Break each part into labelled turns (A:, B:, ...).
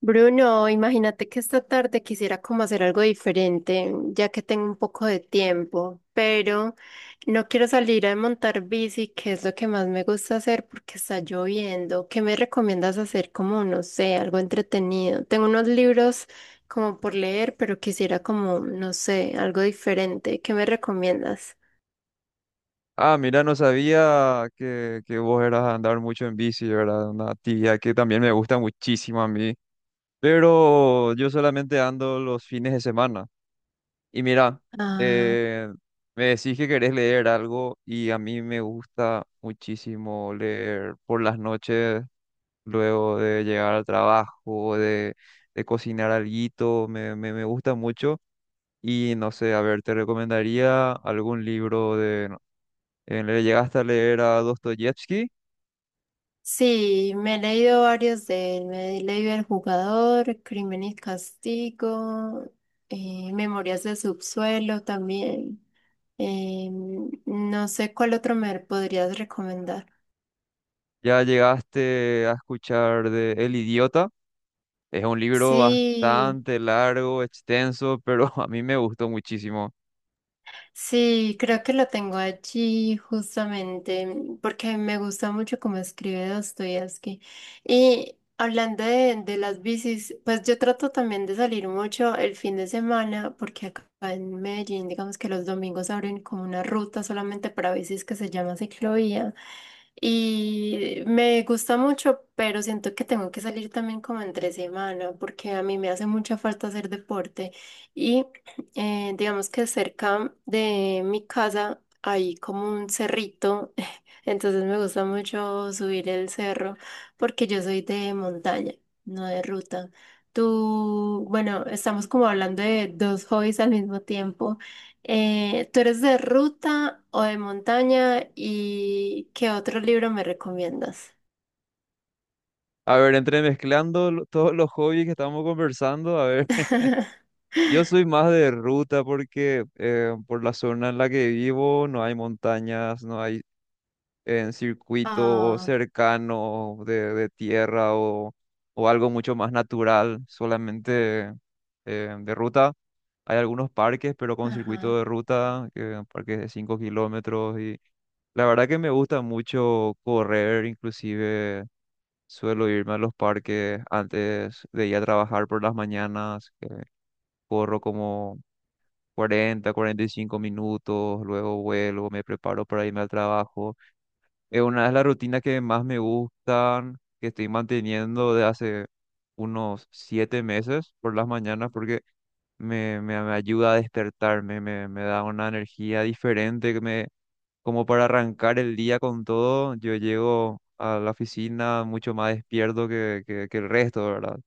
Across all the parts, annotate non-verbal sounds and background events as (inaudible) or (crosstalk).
A: Bruno, imagínate que esta tarde quisiera como hacer algo diferente, ya que tengo un poco de tiempo, pero no quiero salir a montar bici, que es lo que más me gusta hacer porque está lloviendo. ¿Qué me recomiendas hacer como, no sé, algo entretenido? Tengo unos libros como por leer, pero quisiera como, no sé, algo diferente. ¿Qué me recomiendas?
B: Ah, mira, no sabía que vos eras a andar mucho en bici, ¿verdad? Una actividad que también me gusta muchísimo a mí. Pero yo solamente ando los fines de semana. Y mira, eh, me decís que querés leer algo y a mí me gusta muchísimo leer por las noches, luego de llegar al trabajo, de cocinar alguito, me gusta mucho. Y no sé, a ver, te recomendaría algún libro de le llegaste a leer a Dostoyevsky,
A: Sí, me he leído varios de él. Me he leído El Jugador, Crimen y Castigo, Memorias del Subsuelo también. Eh, no sé cuál otro me podrías recomendar.
B: ya llegaste a escuchar de El Idiota. Es un libro
A: Sí.
B: bastante largo, extenso, pero (laughs) a mí me gustó muchísimo.
A: Sí, creo que lo tengo allí justamente porque me gusta mucho cómo escribe Dostoyevsky. Y hablando de las bicis, pues yo trato también de salir mucho el fin de semana porque acá en Medellín, digamos que los domingos abren como una ruta solamente para bicis que se llama ciclovía. Y me gusta mucho, pero siento que tengo que salir también como entre semana porque a mí me hace mucha falta hacer deporte. Y digamos que cerca de mi casa hay como un cerrito, (laughs) entonces me gusta mucho subir el cerro porque yo soy de montaña, no de ruta. Tú, bueno, estamos como hablando de dos hobbies al mismo tiempo. ¿Tú eres de ruta o de montaña? ¿Y qué otro libro me recomiendas?
B: A ver, entremezclando todos los hobbies que estamos conversando, a ver, (laughs)
A: (laughs)
B: yo soy más de ruta porque por la zona en la que vivo no hay montañas, no hay en circuito
A: Ah,
B: cercano de tierra o algo mucho más natural, solamente de ruta. Hay algunos parques, pero con
A: ajá,
B: circuito de ruta, parques de 5 kilómetros y la verdad que me gusta mucho correr, inclusive suelo irme a los parques antes de ir a trabajar por las mañanas, que corro como 40 a 45 minutos, luego vuelvo, me preparo para irme al trabajo. Es una de las rutinas que más me gustan, que estoy manteniendo de hace unos 7 meses por las mañanas, porque me ayuda a despertarme, me da una energía diferente, que me, como para arrancar el día con todo. Yo llego a la oficina mucho más despierto que el resto, ¿verdad?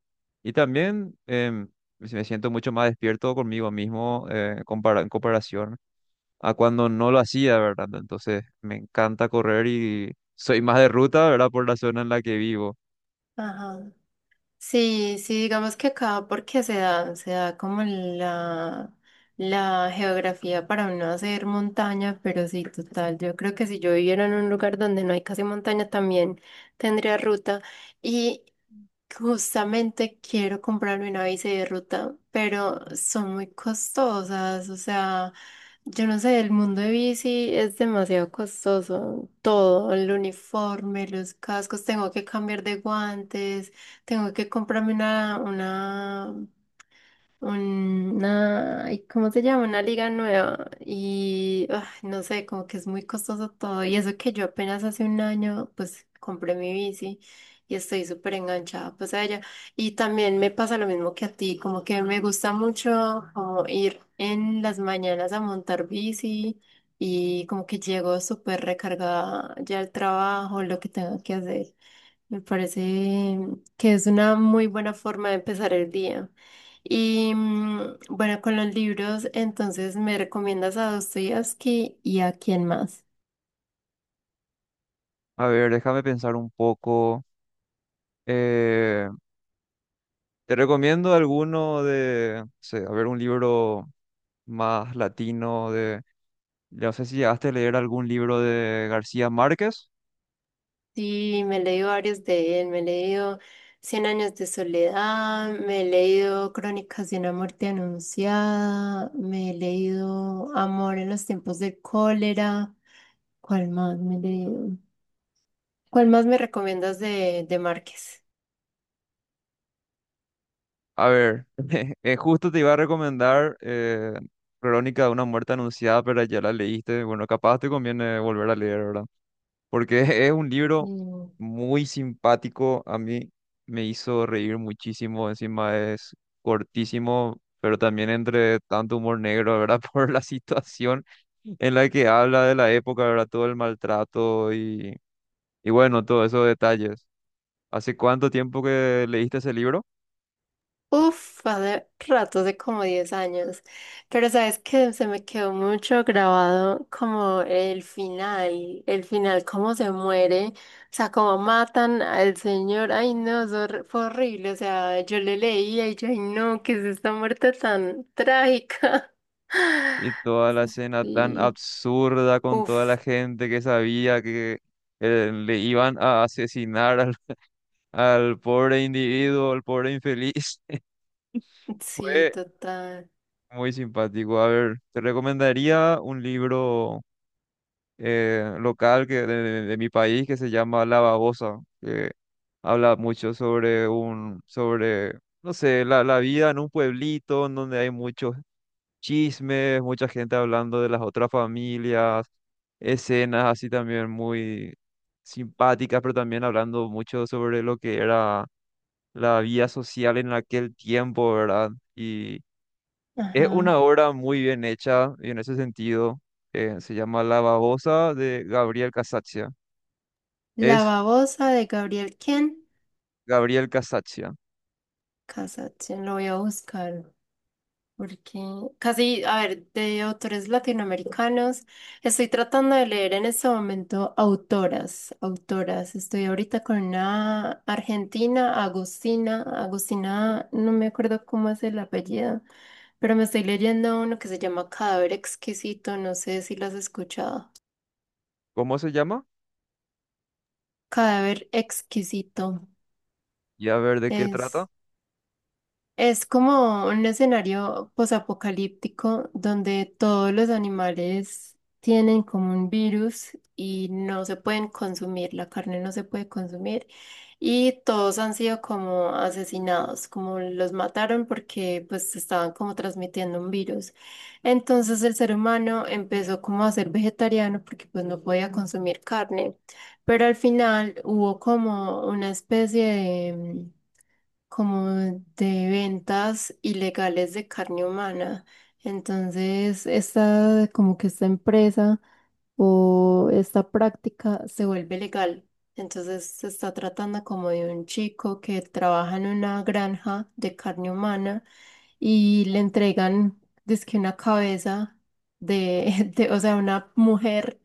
B: Y también me siento mucho más despierto conmigo mismo en comparación a cuando no lo hacía, ¿verdad? Entonces me encanta correr y soy más de ruta, ¿verdad? Por la zona en la que vivo.
A: ajá. Sí, sí, digamos que acá porque se da como la geografía para uno hacer montaña, pero sí, total, yo creo que si yo viviera en un lugar donde no hay casi montaña también tendría ruta. Y justamente quiero comprarme una bici de ruta, pero son muy costosas. O sea, yo no sé, el mundo de bici es demasiado costoso. Todo, el uniforme, los cascos, tengo que cambiar de guantes, tengo que comprarme una, ay, ¿cómo se llama? Una liga nueva. Y ah, no sé, como que es muy costoso todo. Y eso que yo apenas hace un año, pues compré mi bici y estoy súper enganchada pues a ella. Y también me pasa lo mismo que a ti, como que me gusta mucho como ir en las mañanas a montar bici y como que llego súper recargada ya al trabajo, lo que tengo que hacer. Me parece que es una muy buena forma de empezar el día. Y bueno, con los libros, entonces me recomiendas a Dostoyevsky y a quién más.
B: A ver, déjame pensar un poco. Eh, te recomiendo alguno de, no sé, a ver, un libro más latino de, no sé si llegaste a leer algún libro de García Márquez.
A: Sí, me he leído varios de él, me he leído Cien años de soledad, me he leído Crónicas de una muerte anunciada, me he leído Amor en los tiempos del cólera. ¿Cuál más me he leído? ¿Cuál más me recomiendas de Márquez?
B: A ver, (laughs) justo te iba a recomendar Crónica de una muerte anunciada, pero ya la leíste. Bueno, capaz te conviene volver a leer, ¿verdad? Porque (laughs) es un libro
A: Mm.
B: muy simpático, a mí me hizo reír muchísimo, encima es cortísimo, pero también entre tanto humor negro, ¿verdad? (laughs) Por la situación en la que habla de la época, ¿verdad? Todo el maltrato y bueno, todos esos detalles. ¿Hace cuánto tiempo que leíste ese libro?
A: Uf, hace rato, hace como 10 años. Pero sabes que se me quedó mucho grabado como el final, cómo se muere, o sea, cómo matan al señor. Ay, no, eso fue horrible. O sea, yo le leía y yo, ay, no, qué es esta muerte tan trágica.
B: Y
A: (laughs)
B: toda la escena tan
A: Sí,
B: absurda con toda la
A: uf,
B: gente que sabía que le iban a asesinar al, al pobre individuo, al pobre infeliz.
A: sí,
B: Fue
A: total.
B: muy simpático. A ver, te recomendaría un libro local que de mi país que se llama La Babosa, que habla mucho sobre un, sobre, no sé, la vida en un pueblito en donde hay muchos chismes, mucha gente hablando de las otras familias, escenas así también muy simpáticas, pero también hablando mucho sobre lo que era la vida social en aquel tiempo, ¿verdad? Y es
A: Ajá.
B: una obra muy bien hecha y en ese sentido se llama La babosa de Gabriel Casaccia.
A: La
B: Es
A: babosa de Gabriel, ¿quién?
B: Gabriel Casaccia.
A: Cassatt, lo voy a buscar. Porque casi, a ver, de autores latinoamericanos, estoy tratando de leer en este momento autoras, autoras. Estoy ahorita con una argentina, Agustina, Agustina, no me acuerdo cómo es el apellido, pero me estoy leyendo uno que se llama Cadáver Exquisito, no sé si lo has escuchado.
B: ¿Cómo se llama?
A: Cadáver Exquisito
B: Y a ver de qué
A: es...
B: trata.
A: Es como un escenario posapocalíptico donde todos los animales tienen como un virus y no se pueden consumir, la carne no se puede consumir y todos han sido como asesinados, como los mataron porque pues estaban como transmitiendo un virus. Entonces el ser humano empezó como a ser vegetariano porque pues no podía consumir carne, pero al final hubo como una especie de como de ventas ilegales de carne humana. Entonces, esta, como que esta empresa o esta práctica se vuelve legal. Entonces, se está tratando como de un chico que trabaja en una granja de carne humana y le entregan, dizque una cabeza de, (laughs) de, o sea, una mujer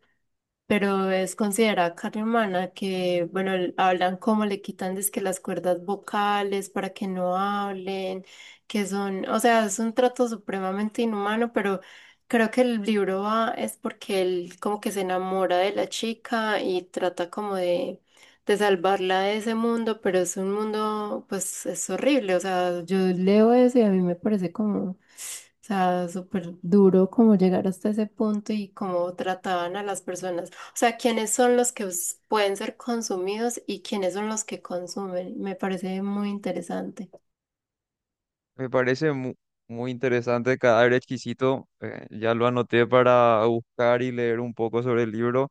A: pero es considerada carne humana que, bueno, hablan cómo le quitan que las cuerdas vocales para que no hablen, que son, o sea, es un trato supremamente inhumano, pero creo que el libro va es porque él como que se enamora de la chica y trata como de salvarla de ese mundo, pero es un mundo, pues, es horrible, o sea, yo leo eso y a mí me parece como... O sea, súper duro como llegar hasta ese punto y cómo trataban a las personas. O sea, quiénes son los que pueden ser consumidos y quiénes son los que consumen. Me parece muy interesante.
B: Me parece muy interesante, cadáver exquisito. Ya lo anoté para buscar y leer un poco sobre el libro.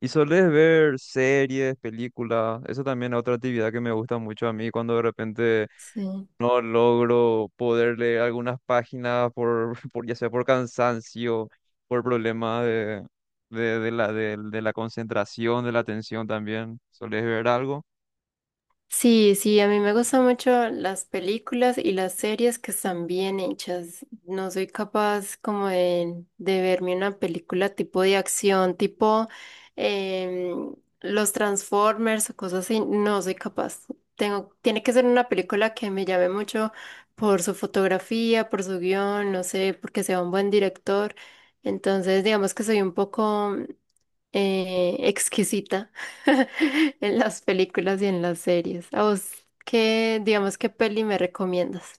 B: Y solés ver series, películas. Eso también es otra actividad que me gusta mucho a mí cuando de repente
A: Sí.
B: no logro poder leer algunas páginas por, (laughs) por ya sea por cansancio, por problemas de la concentración, de la atención también. ¿Solés ver algo?
A: Sí, sí, a mí me gustan mucho las películas y las series que están bien hechas. No soy capaz como de verme una película tipo de acción, tipo em, los Transformers o cosas así. No soy capaz. Tengo, tiene que ser una película que me llame mucho por su fotografía, por su guión, no sé, porque sea un buen director. Entonces, digamos que soy un poco exquisita (laughs) en las películas y en las series. ¿A vos qué, digamos, qué peli me recomiendas?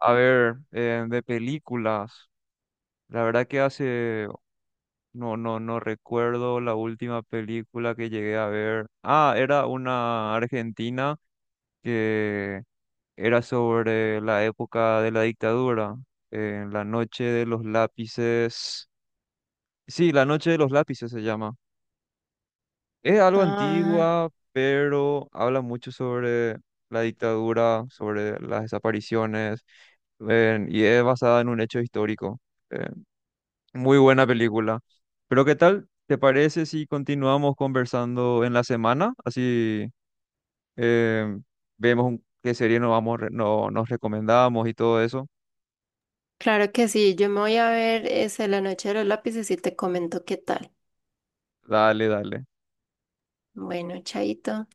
B: A ver, de películas. La verdad que hace, no recuerdo la última película que llegué a ver. Ah, era una argentina que era sobre la época de la dictadura. En la noche de los lápices. Sí, La Noche de los Lápices se llama. Es algo
A: Ah,
B: antigua, pero habla mucho sobre la dictadura, sobre las desapariciones, y es basada en un hecho histórico. Eh, muy buena película. Pero ¿qué tal? ¿Te parece si continuamos conversando en la semana? Así eh, vemos qué serie nos vamos, re- no, nos recomendamos y todo eso.
A: claro que sí, yo me voy a ver esa La Noche de los Lápices y te comento qué tal.
B: Dale, dale.
A: Bueno, chaito.